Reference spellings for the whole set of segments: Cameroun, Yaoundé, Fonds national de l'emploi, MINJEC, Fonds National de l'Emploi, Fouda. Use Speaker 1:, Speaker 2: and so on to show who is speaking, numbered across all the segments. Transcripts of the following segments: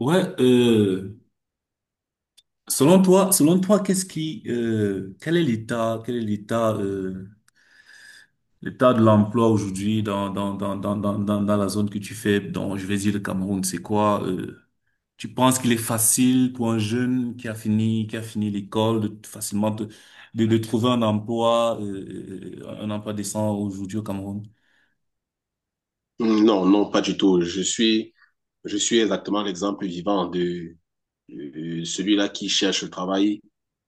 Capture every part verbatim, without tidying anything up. Speaker 1: Ouais, euh, selon toi, selon toi, qu'est-ce qui, euh, quel est l'état, quel est l'état, euh, l'état de l'emploi aujourd'hui dans, dans, dans, dans, dans, dans, dans la zone que tu fais, dont je vais dire le Cameroun, c'est quoi, euh, tu penses qu'il est facile pour un jeune qui a fini, qui a fini l'école de t- facilement de, de, de trouver un emploi, euh, euh, un emploi décent aujourd'hui au Cameroun?
Speaker 2: Non, non, pas du tout. Je suis, je suis exactement l'exemple vivant de, de celui-là qui cherche le travail,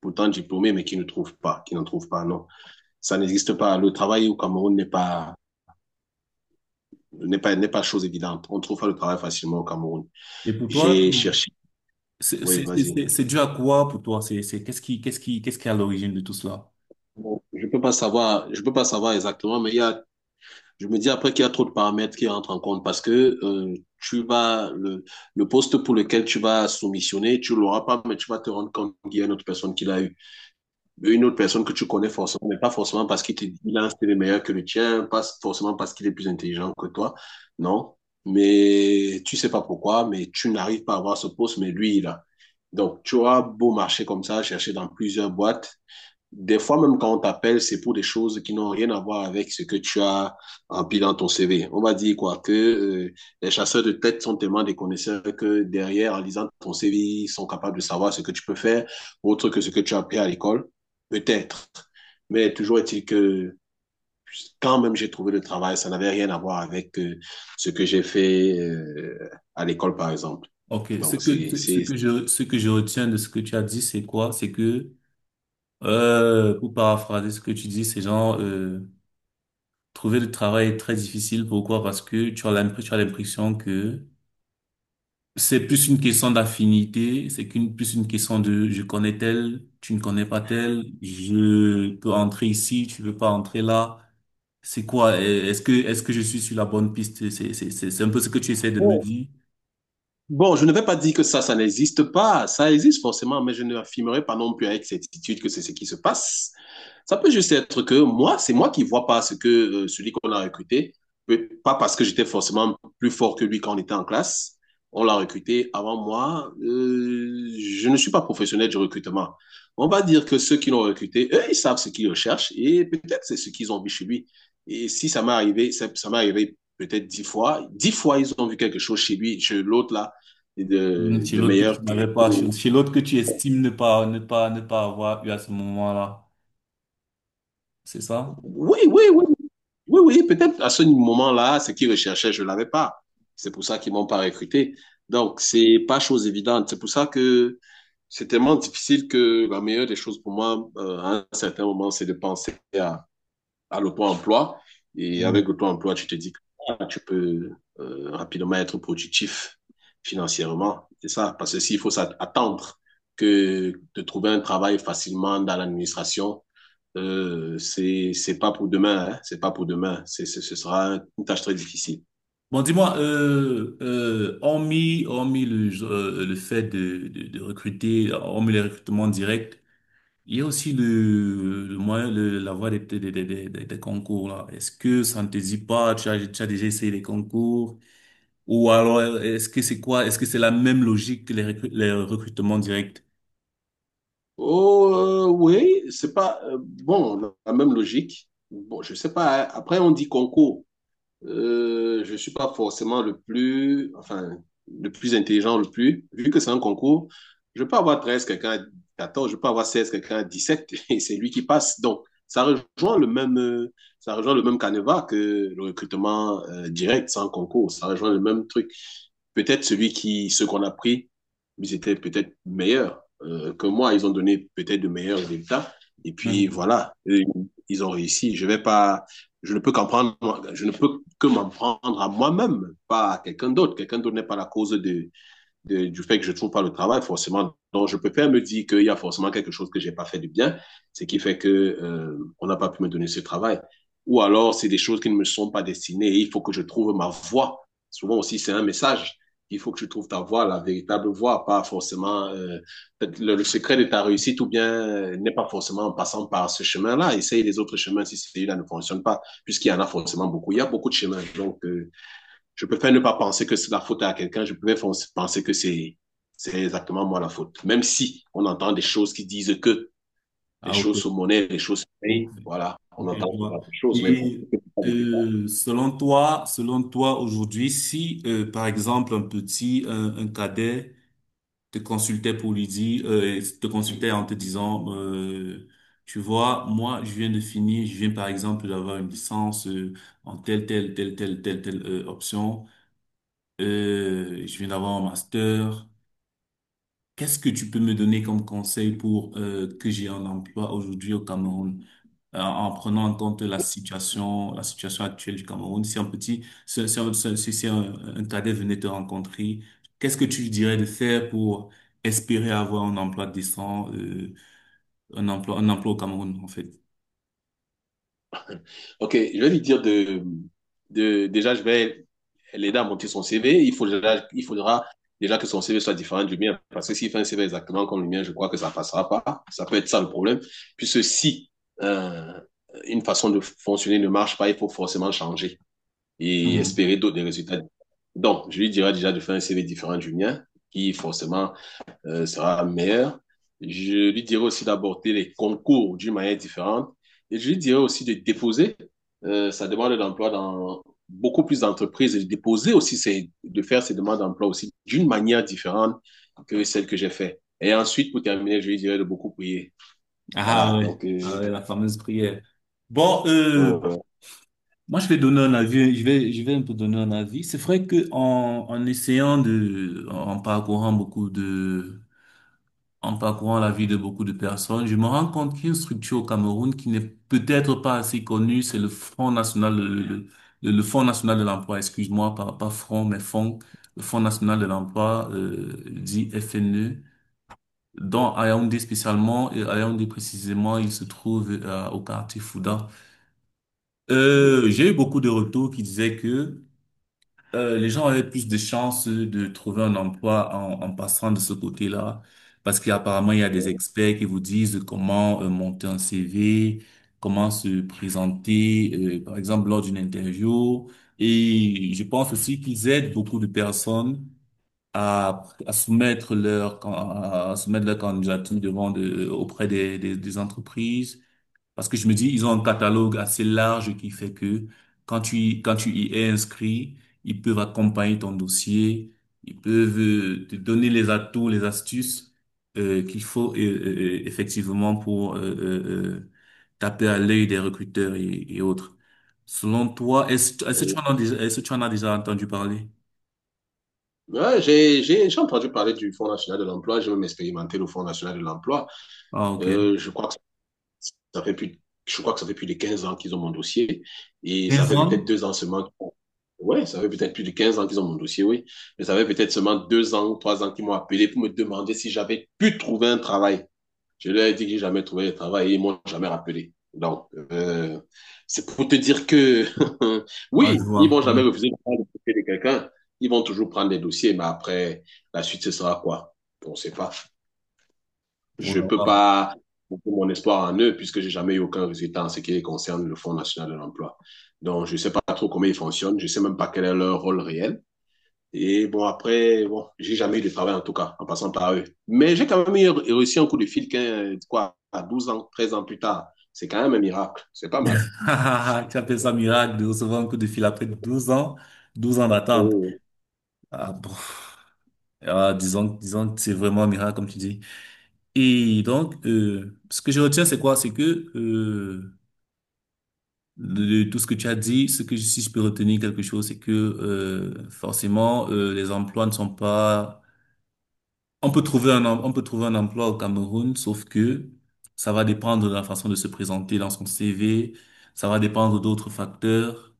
Speaker 2: pourtant diplômé, mais qui ne trouve pas, qui n'en trouve pas, non. Ça n'existe pas. Le travail au Cameroun n'est pas, n'est pas, n'est pas chose évidente. On ne trouve pas le travail facilement au Cameroun.
Speaker 1: Et pour toi,
Speaker 2: J'ai cherché.
Speaker 1: c'est,
Speaker 2: Oui,
Speaker 1: c'est, c'est,
Speaker 2: vas-y.
Speaker 1: c'est c'est dû à quoi pour toi? C'est, c'est, qu'est-ce qui, qu'est-ce qui, qu'est-ce qui est à l'origine de tout cela?
Speaker 2: Bon, je peux pas savoir, je peux pas savoir exactement, mais il y a je me dis après qu'il y a trop de paramètres qui entrent en compte parce que euh, tu vas le, le, poste pour lequel tu vas soumissionner, tu l'auras pas, mais tu vas te rendre compte qu'il y a une autre personne qui l'a eu. Une autre personne que tu connais forcément, mais pas forcément parce qu'il te dit qu'il a un style meilleur que le tien, pas forcément parce qu'il est plus intelligent que toi. Non. Mais tu sais pas pourquoi, mais tu n'arrives pas à avoir ce poste, mais lui, il a. Donc, tu auras beau marcher comme ça, chercher dans plusieurs boîtes, des fois, même quand on t'appelle, c'est pour des choses qui n'ont rien à voir avec ce que tu as rempli dans ton C V. On va dire quoi que euh, les chasseurs de tête sont tellement des connaisseurs que derrière, en lisant ton C V, ils sont capables de savoir ce que tu peux faire, autre que ce que tu as appris à l'école. Peut-être. Mais toujours est-il que quand même j'ai trouvé le travail, ça n'avait rien à voir avec euh, ce que j'ai fait euh, à l'école, par exemple.
Speaker 1: Ok, ce
Speaker 2: Donc,
Speaker 1: que,
Speaker 2: c'est,
Speaker 1: ce, ce
Speaker 2: c'est,
Speaker 1: que je, ce que je retiens de ce que tu as dit, c'est quoi? C'est que, euh, pour paraphraser ce que tu dis, c'est genre, euh, trouver le travail est très difficile. Pourquoi? Parce que tu as l'impression, tu as l'impression que c'est plus une question d'affinité, c'est qu'une, plus une question de je connais tel, tu ne connais pas tel, je peux entrer ici, tu veux pas entrer là. C'est quoi? Euh, Est-ce que, est-ce que je suis sur la bonne piste? C'est, c'est, c'est c'est un peu ce que tu essaies de me dire.
Speaker 2: bon, je ne vais pas dire que ça, ça n'existe pas. Ça existe forcément, mais je ne l'affirmerai pas non plus avec certitude que c'est ce qui se passe. Ça peut juste être que moi, c'est moi qui ne vois pas ce que euh, celui qu'on a recruté, pas parce que j'étais forcément plus fort que lui quand on était en classe. On l'a recruté avant moi. Euh, je ne suis pas professionnel du recrutement. On va dire que ceux qui l'ont recruté, eux, ils savent ce qu'ils recherchent et peut-être c'est ce qu'ils ont vu chez lui. Et si ça m'est arrivé, ça, ça m'est arrivé peut-être dix fois. Dix fois, ils ont vu quelque chose chez lui, chez l'autre là
Speaker 1: Non,
Speaker 2: de,
Speaker 1: Chez
Speaker 2: de
Speaker 1: l'autre que tu
Speaker 2: meilleur que.
Speaker 1: n'avais pas, chez chez l'autre que tu estimes ne pas, ne pas, ne pas avoir eu à ce moment-là. C'est ça?
Speaker 2: Oui, oui, oui. Oui, oui, peut-être à ce moment-là, ce qu'ils recherchaient, je ne l'avais pas. C'est pour ça qu'ils ne m'ont pas recruté. Donc, c'est pas chose évidente. C'est pour ça que c'est tellement difficile que la meilleure des choses pour moi, euh, à un certain moment, c'est de penser à, à l'auto-emploi. Et
Speaker 1: Mm.
Speaker 2: avec l'auto-emploi, tu te dis que ah, tu peux euh, rapidement être productif financièrement. C'est ça. Parce que s'il faut s'attendre que de trouver un travail facilement dans l'administration, euh, c'est c'est pas pour demain, hein, c'est pas pour demain. C'est, c'est- ce sera une tâche très difficile.
Speaker 1: Bon, dis-moi, euh, euh, hormis, hormis le, euh, le fait de, de, de recruter, hormis les recrutements directs, il y a aussi le, le moyen, le, la voie des, des, des, des, des- des concours, là. Est-ce que ça ne te dit pas, tu as, tu as déjà essayé les concours? Ou alors, est-ce que c'est quoi? Est-ce que c'est la même logique que les, recru- les recrutements directs?
Speaker 2: Oh euh, oui, c'est pas euh, bon la même logique. Bon, je sais pas, hein. Après, on dit concours. Euh, je suis pas forcément le plus, enfin, le plus intelligent, le plus. Vu que c'est un concours, je peux avoir treize, quelqu'un a quatorze, je peux avoir seize, quelqu'un a dix sept, et c'est lui qui passe. Donc, ça rejoint le même, euh, ça rejoint le même canevas que le recrutement euh, direct sans concours. Ça rejoint le même truc peut-être celui qui, ceux qu'on a pris, ils étaient peut-être meilleurs euh, que moi. Ils ont donné peut-être de meilleurs résultats. Et puis
Speaker 1: Mhm.
Speaker 2: voilà, ils ont réussi. Je vais pas, je ne peux qu'en prendre, je ne peux que m'en prendre à moi-même, pas à quelqu'un d'autre. Quelqu'un d'autre n'est pas la cause de, de, du fait que je ne trouve pas le travail, forcément, donc je peux pas me dire qu'il y a forcément quelque chose que j'ai pas fait de bien, ce qui fait que euh, on n'a pas pu me donner ce travail. Ou alors, c'est des choses qui ne me sont pas destinées et il faut que je trouve ma voie. Souvent aussi, c'est un message. Il faut que tu trouves ta voie, la véritable voie, pas forcément euh, le, le, secret de ta réussite ou bien euh, n'est pas forcément en passant par ce chemin-là. Essaye les autres chemins si celui-là ne fonctionne pas, puisqu'il y en a forcément beaucoup. Il y a beaucoup de chemins. Donc, euh, je préfère ne pas penser que c'est la faute à quelqu'un, je préfère penser que c'est c'est exactement moi la faute. Même si on entend des choses qui disent que les
Speaker 1: Ah,
Speaker 2: choses
Speaker 1: ok.
Speaker 2: sont monnaies, les choses se
Speaker 1: Bon.
Speaker 2: payent, voilà, on
Speaker 1: Ok, je
Speaker 2: entend souvent
Speaker 1: vois.
Speaker 2: des choses, mais bon,
Speaker 1: Et
Speaker 2: je ne peux pas vécu ça.
Speaker 1: euh, selon toi, selon toi aujourd'hui, si euh, par exemple un petit, un, un cadet te consultait pour lui dire, euh, te consultait en te disant, euh, tu vois, moi je viens de finir, je viens par exemple d'avoir une licence euh, en telle telle telle telle telle telle euh, option, euh, je viens d'avoir un master. Qu'est-ce que tu peux me donner comme conseil pour euh, que j'ai un emploi aujourd'hui au Cameroun? euh, en prenant en compte la situation, la situation actuelle du Cameroun. Si un petit, si, si un, si- si si un- un cadet venait te rencontrer, qu'est-ce que tu lui dirais de faire pour espérer avoir un emploi décent, euh, un emploi, un emploi au Cameroun, en fait?
Speaker 2: Ok, je vais lui dire de, de déjà, je vais l'aider à monter son C V. Il faudra, il faudra déjà que son C V soit différent du mien, parce que s'il fait un C V exactement comme le mien, je crois que ça ne passera pas. Ça peut être ça le problème. Puisque si euh, une façon de fonctionner ne marche pas, il faut forcément changer et
Speaker 1: Mhm.
Speaker 2: espérer d'autres résultats. Donc, je lui dirai déjà de faire un C V différent du mien, qui forcément euh, sera meilleur. Je lui dirai aussi d'aborder les concours d'une manière différente. Et je lui dirai aussi de déposer euh, sa demande d'emploi dans beaucoup plus d'entreprises et de déposer aussi ses, de faire ses demandes d'emploi aussi d'une manière différente que celle que j'ai fait. Et ensuite, pour terminer, je lui dirai de beaucoup prier. Voilà,
Speaker 1: Ah ouais,
Speaker 2: donc.
Speaker 1: ah
Speaker 2: Euh,
Speaker 1: ouais, la fameuse prière. Bon,
Speaker 2: ouais,
Speaker 1: euh,
Speaker 2: ouais,
Speaker 1: moi je vais donner un avis, je vais, je vais un peu donner un avis. C'est vrai que en, en essayant de, en parcourant beaucoup de en parcourant la vie de beaucoup de personnes, je me rends compte qu'il y a une structure au Cameroun qui n'est peut-être pas assez connue, c'est le Front National, le, le, le- le Fonds National de l'Emploi, excuse-moi, pas, pas Front, mais Fonds, le Fonds National de l'Emploi, euh, dit F N E, dont à Yaoundé spécialement, et à Yaoundé précisément, il se trouve euh, au quartier Fouda.
Speaker 2: ouais,
Speaker 1: Euh, j'ai eu beaucoup de retours qui disaient que euh, les gens avaient plus de chances de trouver un emploi en, en passant de ce côté-là, parce qu'apparemment, il y a des
Speaker 2: ouais,
Speaker 1: experts qui vous disent comment euh, monter un C V, comment se présenter, euh, par exemple, lors d'une interview. Et je pense aussi qu'ils aident beaucoup de personnes à, à soumettre leur, can- à soumettre leur candidature devant de, auprès des, des, des entreprises parce que je me dis, ils ont un catalogue assez large qui fait que quand tu, y- quand tu y es inscrit, ils peuvent accompagner ton dossier, ils peuvent euh, te donner les atouts, les astuces euh, qu'il faut euh, euh, euh, effectivement pour euh, euh, euh, taper à l'œil des recruteurs et, et autres. Selon toi, est-ce, est-ce
Speaker 2: ouais,
Speaker 1: que
Speaker 2: ouais.
Speaker 1: tu en as déjà, est-ce que tu en as déjà entendu parler?
Speaker 2: Ouais, j'ai, j'ai, j'ai entendu parler du Fonds national de l'emploi, j'ai même expérimenté le Fonds national de l'emploi.
Speaker 1: Ah, ok.
Speaker 2: Euh, je crois que ça fait plus, je crois que ça fait plus de quinze ans qu'ils ont mon dossier et ça
Speaker 1: Des
Speaker 2: fait peut-être
Speaker 1: hommes?
Speaker 2: deux ans seulement. Ouais, ça fait peut-être plus de quinze ans qu'ils ont mon dossier, oui. Mais ça fait peut-être seulement deux ans, trois ans qu'ils m'ont appelé pour me demander si j'avais pu trouver un travail. Je leur ai dit que j'ai jamais trouvé de travail et ils m'ont jamais rappelé. Donc, euh, c'est pour te dire que
Speaker 1: Ah,
Speaker 2: oui,
Speaker 1: je
Speaker 2: ils vont
Speaker 1: vois. Oui.
Speaker 2: jamais refuser de prendre le dossier de quelqu'un. Ils vont toujours prendre des dossiers, mais après, la suite, ce sera quoi? On ne sait pas. Je
Speaker 1: Oh
Speaker 2: peux
Speaker 1: là
Speaker 2: pas mettre mon espoir en eux puisque j'ai jamais eu aucun résultat en ce qui concerne le Fonds national de l'emploi. Donc, je ne sais pas trop comment ils fonctionnent. Je ne sais même pas quel est leur rôle réel. Et bon, après, bon, j'ai jamais eu de travail en tout cas, en passant par eux. Mais j'ai quand même eu- réussi un coup de fil, qu'un- quoi, à douze ans, treize ans plus tard. C'est quand même un miracle. C'est pas mal.
Speaker 1: là. Tu appelles ça miracle de recevoir un coup de fil après douze ans, douze ans d'attente.
Speaker 2: Oh,
Speaker 1: Ah bon. Ah, disons, disons que c'est vraiment un miracle, comme tu dis. Et donc, euh, ce que je retiens, c'est quoi? C'est que euh, de, de tout ce que tu as dit, ce que je- si je peux retenir quelque chose, c'est que euh, forcément, euh, les emplois ne sont pas. On peut trouver un, em- on peut trouver un emploi au Cameroun, sauf que ça va dépendre de la façon de se présenter dans son C V, ça va dépendre d'autres facteurs.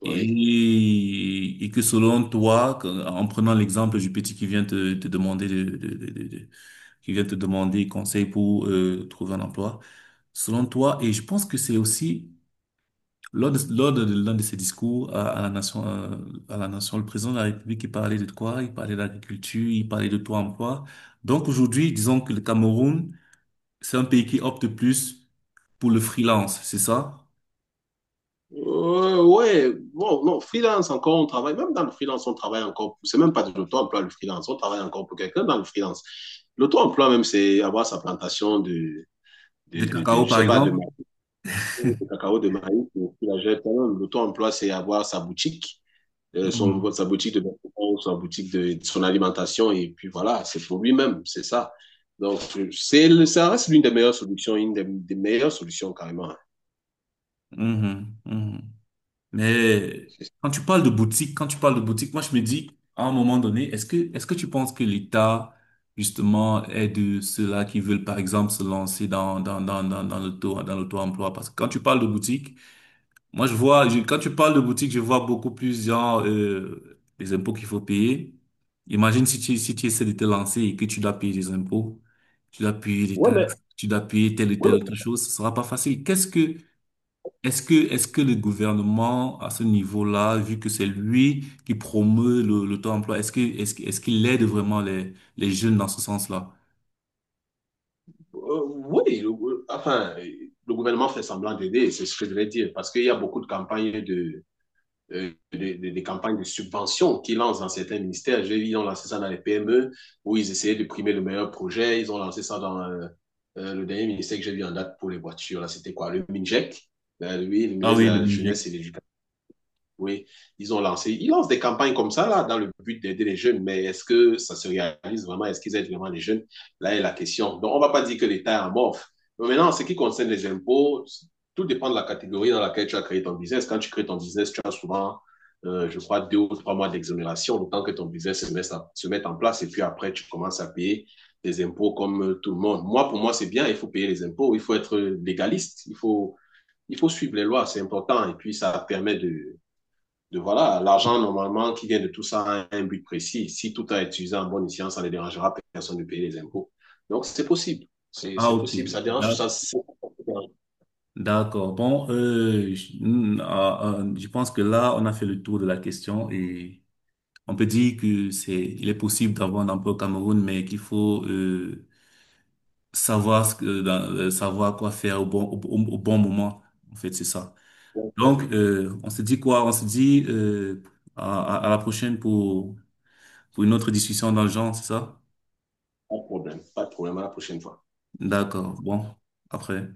Speaker 2: oui.
Speaker 1: Et, et que selon toi, que- en prenant l'exemple du petit qui vient te, te demander de, de, de, de- qui vient te demander conseil pour euh, trouver un emploi. Selon toi, et je pense que c'est aussi lors de, lors de l'un de ses discours à, à la nation, euh, à la nation, le président de la République, il parlait de quoi? Il parlait d'agriculture, il parlait de taux emploi. Donc aujourd'hui, disons que le Cameroun, c'est un pays qui opte plus pour le freelance, c'est ça?
Speaker 2: Euh, ouais, bon, non, freelance encore, on travaille, même dans le freelance, on travaille encore, c'est même pas de l'auto-emploi, le freelance, on travaille encore pour quelqu'un dans le freelance. L'auto-emploi, même, c'est avoir sa plantation de, de,
Speaker 1: Des
Speaker 2: de, de-
Speaker 1: cacao,
Speaker 2: je
Speaker 1: par
Speaker 2: sais pas, de maïs, de cacao, de maïs, ou de la jette, hein. L'auto-emploi, c'est avoir sa boutique euh, son,
Speaker 1: exemple?
Speaker 2: sa boutique de vêtements, sa boutique de, de son alimentation, et puis voilà, c'est pour lui-même, c'est ça. Donc, c'est, ça reste l'une des meilleures solutions, une des, des meilleures solutions carrément.
Speaker 1: Mhm, mhm, mhm. Mais quand tu parles de boutique, quand tu parles de boutique, moi je me dis, à un moment donné, est-ce que, est-ce que tu penses que l'État, justement, aide ceux-là qui veulent, par exemple, se lancer dans, dans, dans, dans, dans l'auto, dans l'auto-emploi? Parce que quand tu parles de boutique, moi je vois, je- quand tu parles de boutique, je vois beaucoup plus, genre, euh, les impôts qu'il faut payer. Imagine si tu, si tu essaies de te lancer et que tu dois payer des impôts, tu dois payer des
Speaker 2: Ouais, mais,
Speaker 1: taxes, tu dois payer telle ou
Speaker 2: ouais,
Speaker 1: telle autre
Speaker 2: mais,
Speaker 1: chose, ce sera pas facile. Qu'est-ce que, est-ce que, est-ce que le gouvernement, à ce niveau-là, vu que c'est lui qui promeut le, le taux-emploi, est-ce que, est-ce, que- est-ce qu'il aide vraiment les, les jeunes dans ce sens-là?
Speaker 2: euh, oui, le, enfin, le gouvernement fait semblant d'aider, c'est ce que je vais dire, parce qu'il y a beaucoup de campagnes de, euh, des, des- campagnes de subvention qu'ils lancent dans certains ministères. J'ai vu, ils ont lancé ça dans les P M E, où ils essayaient de primer le meilleur projet. Ils ont lancé ça dans euh, euh, le dernier ministère que j'ai vu en date pour les voitures. Là, c'était quoi? Le MINJEC. Lui, le
Speaker 1: Ah
Speaker 2: ministre de
Speaker 1: oui, le
Speaker 2: la Jeunesse
Speaker 1: MINJEC.
Speaker 2: et de. Oui, ils ont lancé. Ils lancent des campagnes comme ça, là, dans le but d'aider les jeunes, mais est-ce que ça se réalise vraiment? Est-ce qu'ils aident vraiment les jeunes? Là est la question. Donc, on ne va pas dire que l'État est amorphe. Mais maintenant, en ce qui concerne les impôts, tout dépend de la catégorie dans laquelle tu as créé ton business. Quand tu crées ton business, tu as souvent, euh, je crois, deux ou trois mois d'exonération, le temps que ton business se mette, se mette en place, et puis après, tu commences à payer des impôts comme euh, tout le monde. Moi, pour moi, c'est bien, il faut payer les impôts, il faut être légaliste, il faut, il faut suivre les lois, c'est important, et puis ça permet de de voilà, l'argent normalement qui vient de tout ça a un but précis. Si tout a été utilisé en bonne science, ça ne dérangera personne de payer les impôts. Donc c'est possible,
Speaker 1: Ah,
Speaker 2: c'est
Speaker 1: ok.
Speaker 2: possible, ça dérange, ça,
Speaker 1: D'ac-
Speaker 2: c'est
Speaker 1: D'accord. Bon, euh, je, hmm, ah, ah, je pense que là, on a fait le tour de la question et on peut dire que c'est, il est possible d'avoir un emploi au Cameroun, mais qu'il faut, euh, savoir ce que, dans- euh, savoir quoi faire au bon, au, au- au bon moment. En fait, c'est ça.
Speaker 2: pas
Speaker 1: Donc, euh, on se dit quoi? On se dit euh, à, à à la prochaine pour, pour une autre discussion dans le genre, c'est ça?
Speaker 2: de problème, pas de problème à la prochaine fois.
Speaker 1: D'accord. Bon, après.